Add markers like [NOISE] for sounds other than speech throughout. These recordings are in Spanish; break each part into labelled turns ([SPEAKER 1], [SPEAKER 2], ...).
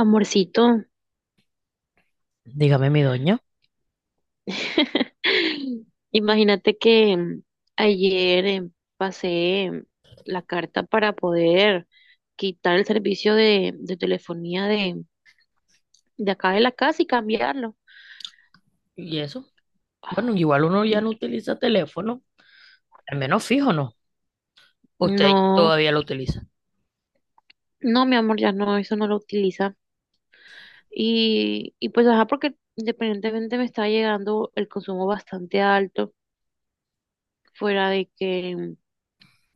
[SPEAKER 1] Amorcito,
[SPEAKER 2] Dígame, mi doña.
[SPEAKER 1] [LAUGHS] imagínate que ayer pasé la carta para poder quitar el servicio de telefonía de acá de la casa y cambiarlo.
[SPEAKER 2] Y eso. Bueno, igual uno ya no utiliza teléfono. Al menos fijo, ¿no? Usted
[SPEAKER 1] No,
[SPEAKER 2] todavía lo utiliza.
[SPEAKER 1] no, mi amor, ya no, eso no lo utiliza. Y pues, ajá, porque independientemente me está llegando el consumo bastante alto, fuera de que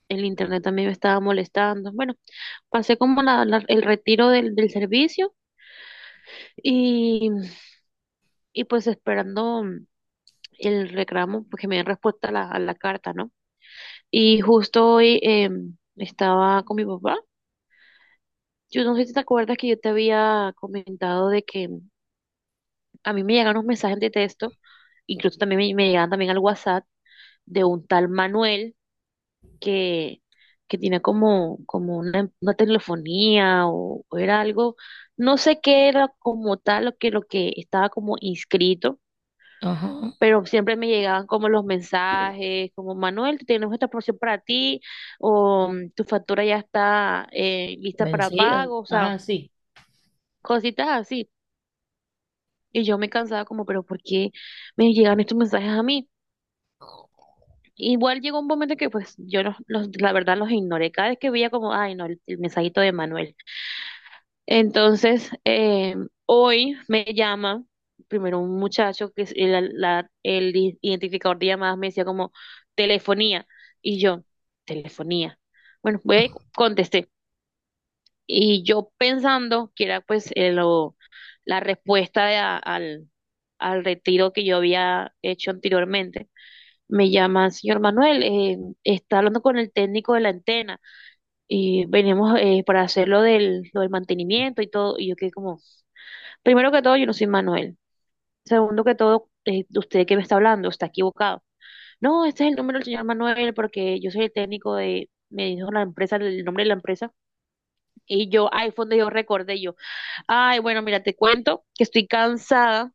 [SPEAKER 1] el internet también me estaba molestando. Bueno, pasé como el retiro del servicio. Y, y pues esperando el reclamo, pues que me den respuesta a a la carta, ¿no? Y justo hoy estaba con mi papá. Yo no sé si te acuerdas que yo te había comentado de que a mí me llegan unos mensajes de texto, incluso también me llegan también al WhatsApp de un tal Manuel que, que tiene como, como una telefonía o era algo, no sé qué era como tal lo que estaba como inscrito,
[SPEAKER 2] Ajá.
[SPEAKER 1] pero siempre me llegaban como los mensajes, como Manuel, tenemos esta promoción para ti, o mm, tu factura ya está lista para
[SPEAKER 2] Vencida.
[SPEAKER 1] pago. O sea,
[SPEAKER 2] Ajá, sí.
[SPEAKER 1] cositas así. Y yo me cansaba como, pero ¿por qué me llegan estos mensajes a mí? Igual llegó un momento que pues yo la verdad los ignoré. Cada vez que veía como, ay, no, el mensajito de Manuel. Entonces, hoy me llama primero un muchacho que es el, la- el i- identificador de llamadas, me decía como telefonía, y yo, telefonía. Bueno, contesté y yo pensando que era pues la respuesta de al, al retiro que yo había hecho anteriormente. Me llama, señor Manuel, está hablando con el técnico de la antena y venimos para hacer lo del mantenimiento y todo. Y yo quedé como... Primero que todo, yo no soy Manuel. Segundo que todo, usted que me está hablando está equivocado. No, este es el número del señor Manuel porque yo soy el técnico de, me dijo la empresa, el nombre de la empresa. Y yo, ay, fue donde yo recordé yo. Ay, bueno, mira, te cuento que estoy cansada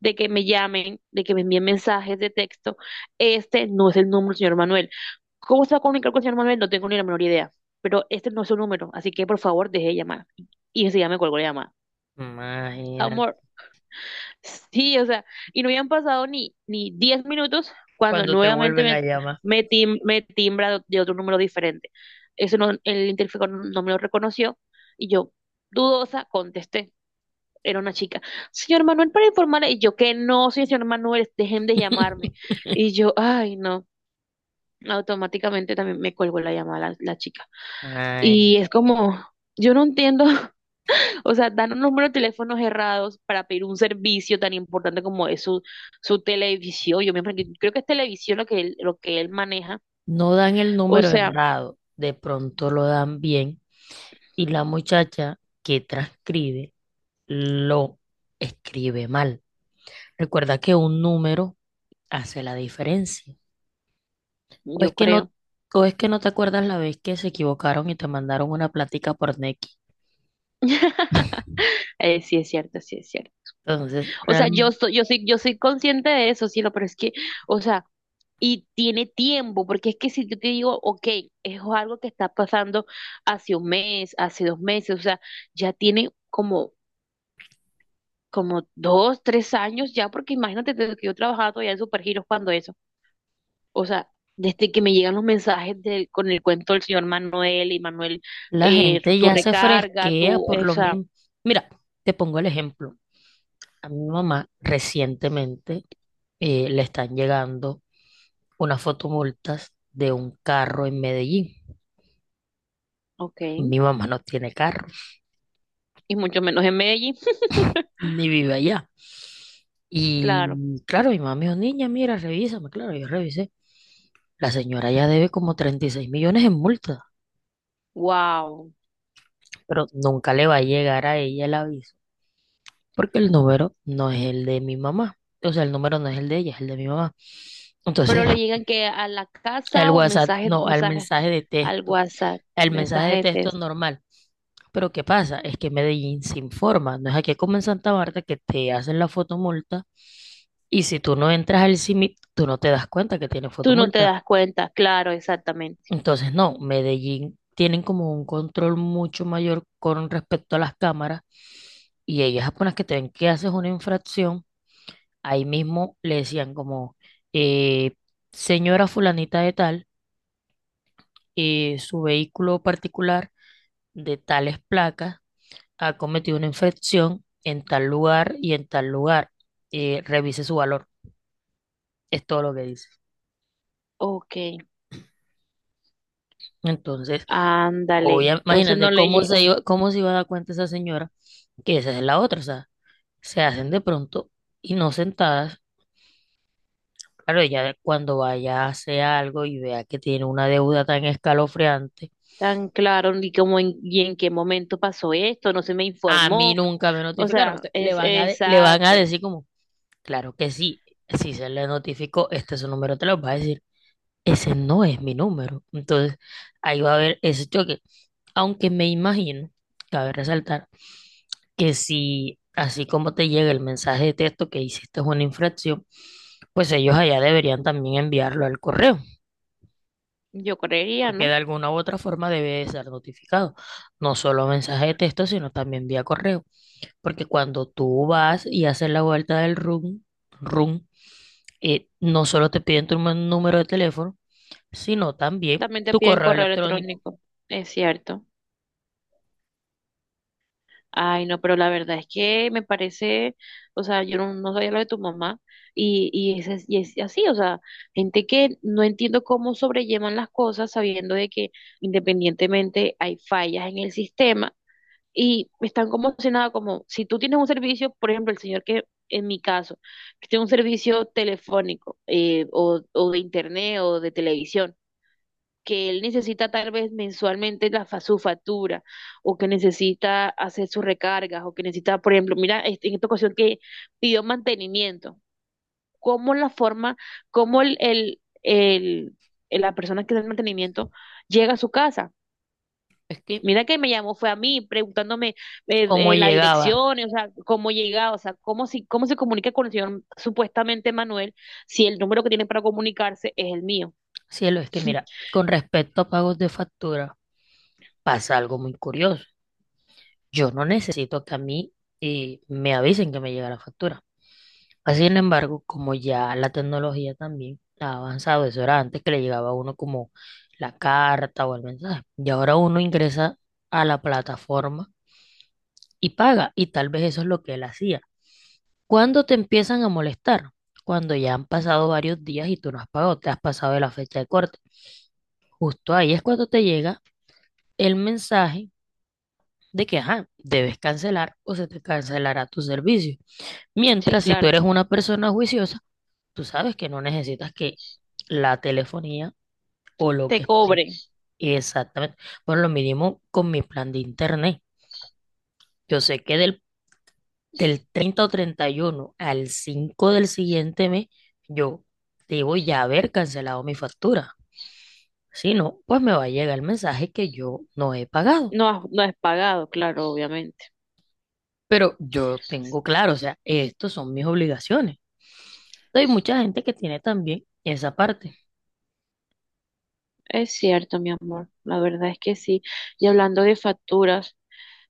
[SPEAKER 1] de que me llamen, de que me envíen mensajes de texto. Este no es el número del señor Manuel. ¿Cómo se va a comunicar con el señor Manuel? No tengo ni la menor idea. Pero este no es su número, así que por favor deje de llamar. Y enseguida me colgó la llamada.
[SPEAKER 2] Imagínate.
[SPEAKER 1] Amor, sí, o sea, y no habían pasado ni 10 minutos cuando
[SPEAKER 2] Cuando te
[SPEAKER 1] nuevamente
[SPEAKER 2] vuelven a llamar.
[SPEAKER 1] me timbra de otro número diferente. Eso no, el interfijo no me lo reconoció y yo, dudosa, contesté. Era una chica. Señor Manuel, para informarle, y yo que no, soy el señor Manuel, dejen de llamarme.
[SPEAKER 2] [LAUGHS]
[SPEAKER 1] Y yo, ay, no, automáticamente también me cuelgo la llamada la chica.
[SPEAKER 2] Ay,
[SPEAKER 1] Y es como, yo no entiendo. [LAUGHS] O sea, dan un número de teléfonos errados para pedir un servicio tan importante como es su, su televisión. Creo que es televisión lo que él maneja.
[SPEAKER 2] no dan el
[SPEAKER 1] O
[SPEAKER 2] número
[SPEAKER 1] sea,
[SPEAKER 2] errado, de pronto lo dan bien y la muchacha que transcribe lo escribe mal. Recuerda que un número hace la diferencia. O es
[SPEAKER 1] yo
[SPEAKER 2] que no,
[SPEAKER 1] creo.
[SPEAKER 2] o es que no te acuerdas la vez que se equivocaron y te mandaron una plática por Nequi.
[SPEAKER 1] [LAUGHS] Sí es cierto, sí es cierto.
[SPEAKER 2] Entonces,
[SPEAKER 1] O sea, yo soy consciente de eso, sí, pero es que, o sea, y tiene tiempo, porque es que si yo te digo, ok, es algo que está pasando hace 1 mes, hace 2 meses, o sea, ya tiene como, como 2, 3 años ya, porque imagínate desde que yo trabajaba todavía en Supergiros cuando eso. O sea, desde que me llegan los mensajes del, con el cuento del señor Manuel y Manuel,
[SPEAKER 2] la gente
[SPEAKER 1] tu
[SPEAKER 2] ya se
[SPEAKER 1] recarga,
[SPEAKER 2] fresquea
[SPEAKER 1] tu,
[SPEAKER 2] por lo
[SPEAKER 1] esa,
[SPEAKER 2] mismo. Mira, te pongo el ejemplo. A mi mamá recientemente le están llegando unas fotomultas de un carro en Medellín.
[SPEAKER 1] ok,
[SPEAKER 2] Mi mamá no tiene carro,
[SPEAKER 1] y mucho menos en Medellín.
[SPEAKER 2] ni vive allá. Y
[SPEAKER 1] [LAUGHS] Claro,
[SPEAKER 2] claro, mi mamá me dijo, niña, mira, revísame. Claro, yo revisé. La señora ya debe como 36 millones en multas.
[SPEAKER 1] wow.
[SPEAKER 2] Pero nunca le va a llegar a ella el aviso, porque el número no es el de mi mamá. O sea, el número no es el de ella, es el de mi mamá.
[SPEAKER 1] Pero
[SPEAKER 2] Entonces,
[SPEAKER 1] le llegan que a la
[SPEAKER 2] el
[SPEAKER 1] casa o
[SPEAKER 2] WhatsApp,
[SPEAKER 1] mensajes,
[SPEAKER 2] no, el
[SPEAKER 1] mensajes
[SPEAKER 2] mensaje de
[SPEAKER 1] al
[SPEAKER 2] texto,
[SPEAKER 1] WhatsApp,
[SPEAKER 2] el mensaje de
[SPEAKER 1] mensajes de
[SPEAKER 2] texto
[SPEAKER 1] texto.
[SPEAKER 2] normal. Pero ¿qué pasa? Es que Medellín se informa, no es aquí como en Santa Marta que te hacen la fotomulta y si tú no entras al CIMIT, tú no te das cuenta que tiene
[SPEAKER 1] Tú no te
[SPEAKER 2] fotomulta.
[SPEAKER 1] das cuenta, claro, exactamente.
[SPEAKER 2] Entonces, no, Medellín tienen como un control mucho mayor con respecto a las cámaras y ellas apenas que te ven que haces una infracción, ahí mismo le decían como, eh, señora fulanita de tal, su vehículo particular de tales placas ha cometido una infracción en tal lugar y en tal lugar, revise su valor, es todo lo que dice.
[SPEAKER 1] Ok,
[SPEAKER 2] Entonces,
[SPEAKER 1] ándale. Entonces no
[SPEAKER 2] imagínate
[SPEAKER 1] le llegó
[SPEAKER 2] cómo se iba a dar cuenta esa señora que esa es la otra, o sea, se hacen de pronto y no sentadas. Claro, ella cuando vaya a hacer algo y vea que tiene una deuda tan escalofriante,
[SPEAKER 1] tan claro ni cómo y en qué momento pasó esto, no se me
[SPEAKER 2] a mí
[SPEAKER 1] informó.
[SPEAKER 2] nunca me
[SPEAKER 1] O
[SPEAKER 2] notificaron.
[SPEAKER 1] sea,
[SPEAKER 2] Le
[SPEAKER 1] es
[SPEAKER 2] van a, le van a
[SPEAKER 1] exacto.
[SPEAKER 2] decir como, claro que sí, si se le notificó, este es su número, te lo va a decir, ese no es mi número. Entonces, ahí va a haber ese choque. Aunque me imagino, cabe resaltar, que si así como te llega el mensaje de texto que hiciste una infracción, pues ellos allá deberían también enviarlo al correo.
[SPEAKER 1] Yo creería,
[SPEAKER 2] Porque
[SPEAKER 1] ¿no?
[SPEAKER 2] de alguna u otra forma debe de ser notificado, no solo mensaje de texto, sino también vía correo, porque cuando tú vas y haces la vuelta del room, no solo te piden tu número de teléfono, sino también
[SPEAKER 1] También te
[SPEAKER 2] tu
[SPEAKER 1] piden
[SPEAKER 2] correo
[SPEAKER 1] correo
[SPEAKER 2] electrónico.
[SPEAKER 1] electrónico, es cierto. Ay, no, pero la verdad es que me parece, o sea, yo no, no sabía lo de tu mamá y, es, y es así. O sea, gente que no entiendo cómo sobrellevan las cosas sabiendo de que independientemente hay fallas en el sistema y están como si nada, como si tú tienes un servicio, por ejemplo, el señor que en mi caso, que tiene un servicio telefónico o de internet o de televisión, que él necesita tal vez mensualmente su factura o que necesita hacer sus recargas o que necesita, por ejemplo, mira, en esta ocasión que pidió mantenimiento, cómo la forma, cómo la persona que da el mantenimiento llega a su casa.
[SPEAKER 2] Es que,
[SPEAKER 1] Mira que me llamó, fue a mí preguntándome
[SPEAKER 2] como
[SPEAKER 1] la
[SPEAKER 2] llegaba,
[SPEAKER 1] dirección, o sea, cómo llega, o sea, cómo, si, cómo se comunica con el señor supuestamente Manuel, si el número que tiene para comunicarse es el mío.
[SPEAKER 2] cielo, es que
[SPEAKER 1] [LAUGHS]
[SPEAKER 2] mira, con respecto a pagos de factura, pasa algo muy curioso. Yo no necesito que a mí me avisen que me llega la factura. Así sin embargo, como ya la tecnología también ha avanzado, eso era antes que le llegaba a uno como la carta o el mensaje, y ahora uno ingresa a la plataforma y paga, y tal vez eso es lo que él hacía. ¿Cuándo te empiezan a molestar? Cuando ya han pasado varios días y tú no has pagado, te has pasado de la fecha de corte. Justo ahí es cuando te llega el mensaje de que, ajá, debes cancelar o se te cancelará tu servicio.
[SPEAKER 1] Sí,
[SPEAKER 2] Mientras, si tú
[SPEAKER 1] claro,
[SPEAKER 2] eres una persona juiciosa, tú sabes que no necesitas que la telefonía o lo
[SPEAKER 1] te
[SPEAKER 2] que
[SPEAKER 1] cobre.
[SPEAKER 2] esté exactamente. Bueno, lo mínimo con mi plan de internet. Yo sé que del 30 o 31 al 5 del siguiente mes, yo debo ya haber cancelado mi factura. Si no, pues me va a llegar el mensaje que yo no he pagado.
[SPEAKER 1] No, no es pagado, claro, obviamente.
[SPEAKER 2] Pero yo tengo claro, o sea, estos son mis obligaciones. Hay mucha gente que tiene también esa parte.
[SPEAKER 1] Es cierto, mi amor. La verdad es que sí. Y hablando de facturas,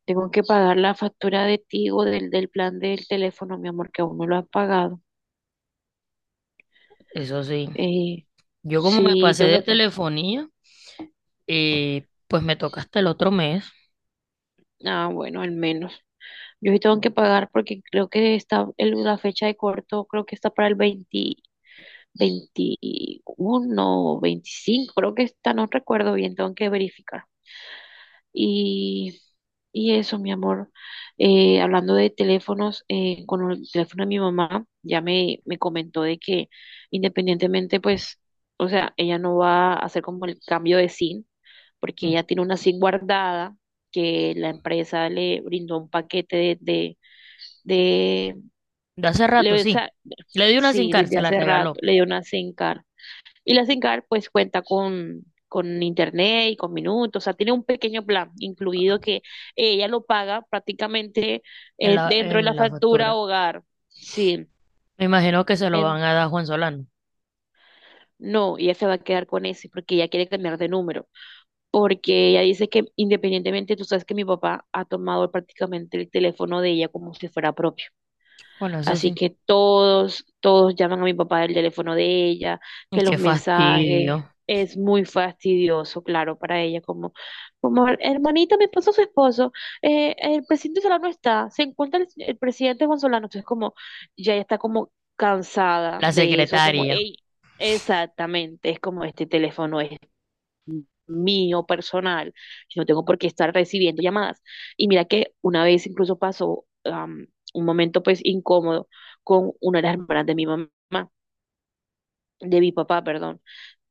[SPEAKER 1] tengo que pagar la factura de Tigo del plan del teléfono, mi amor, que aún no lo has pagado.
[SPEAKER 2] Eso sí,
[SPEAKER 1] Eh,
[SPEAKER 2] yo como me
[SPEAKER 1] sí,
[SPEAKER 2] pasé
[SPEAKER 1] tengo
[SPEAKER 2] de
[SPEAKER 1] que...
[SPEAKER 2] telefonía, pues me toca hasta el otro mes.
[SPEAKER 1] ah, bueno, al menos. Yo sí tengo que pagar porque creo que está la fecha de corto, creo que está para el 20, 21 o 25, creo que está, no recuerdo bien, tengo que verificar. Y, y eso, mi amor. Hablando de teléfonos, con el teléfono de mi mamá, ya me comentó de que independientemente, pues, o sea, ella no va a hacer como el cambio de SIM, porque
[SPEAKER 2] Mm,
[SPEAKER 1] ella tiene una SIM guardada que la empresa le brindó un paquete de-
[SPEAKER 2] de hace rato,
[SPEAKER 1] le, o
[SPEAKER 2] sí.
[SPEAKER 1] sea,
[SPEAKER 2] Le di una sin
[SPEAKER 1] sí,
[SPEAKER 2] cárcel,
[SPEAKER 1] desde
[SPEAKER 2] se la
[SPEAKER 1] hace rato,
[SPEAKER 2] regaló
[SPEAKER 1] le dio una SIM card. Y la SINCAR pues cuenta con internet y con minutos, o sea, tiene un pequeño plan incluido que ella lo paga prácticamente dentro de la
[SPEAKER 2] en la
[SPEAKER 1] factura
[SPEAKER 2] factura.
[SPEAKER 1] hogar. Sí,
[SPEAKER 2] Me imagino que se lo
[SPEAKER 1] en-
[SPEAKER 2] van a dar a Juan Solano.
[SPEAKER 1] no, ella se va a quedar con ese porque ella quiere cambiar de número, porque ella dice que independientemente, tú sabes que mi papá ha tomado prácticamente el teléfono de ella como si fuera propio.
[SPEAKER 2] Bueno, eso
[SPEAKER 1] Así
[SPEAKER 2] sí.
[SPEAKER 1] que todos, todos llaman a mi papá del teléfono de ella,
[SPEAKER 2] Y
[SPEAKER 1] que los
[SPEAKER 2] qué
[SPEAKER 1] mensajes
[SPEAKER 2] fastidio.
[SPEAKER 1] es muy fastidioso, claro, para ella, como, como hermanita, me esposo, su esposo, el presidente Solano está, se encuentra el presidente Juan Solano, entonces como, ya ella está como cansada
[SPEAKER 2] La
[SPEAKER 1] de eso, como,
[SPEAKER 2] secretaria.
[SPEAKER 1] ey, exactamente, es como este teléfono es mío personal. Yo no tengo por qué estar recibiendo llamadas. Y mira que una vez incluso pasó am, un momento pues incómodo con una de las hermanas de mi mamá, de mi papá, perdón.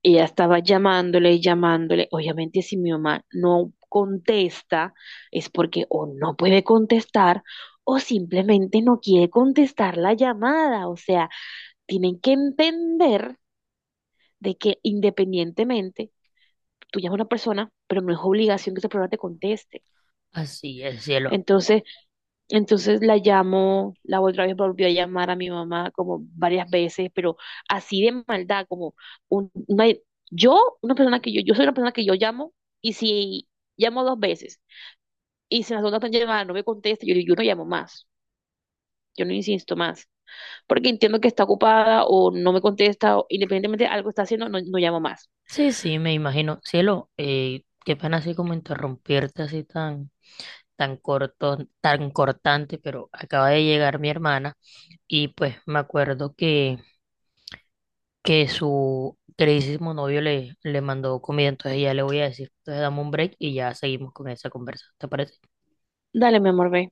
[SPEAKER 1] Ella estaba llamándole, llamándole. Obviamente, si mi mamá no contesta, es porque o no puede contestar o simplemente no quiere contestar la llamada. O sea, tienen que entender de que independientemente tú llamas a una persona, pero no es obligación que esa persona te conteste.
[SPEAKER 2] Así es, cielo.
[SPEAKER 1] Entonces, entonces la llamo, la otra vez volvió a llamar a mi mamá como varias veces, pero así de maldad, como un- una- yo, una persona yo soy una persona que yo llamo y si llamo 2 veces y si la segunda persona llamada no me contesta, yo, digo, yo no llamo más, yo no insisto más, porque entiendo que está ocupada o no me contesta, o independientemente de algo está haciendo, no, no llamo más.
[SPEAKER 2] Sí, sí, me imagino. Cielo, qué pena así como interrumpirte así tan, tan corto, tan cortante, pero acaba de llegar mi hermana y pues me acuerdo que su queridísimo novio le, le mandó comida, entonces ya le voy a decir, entonces dame un break y ya seguimos con esa conversa, ¿te parece?
[SPEAKER 1] Dale, mi amor, ve.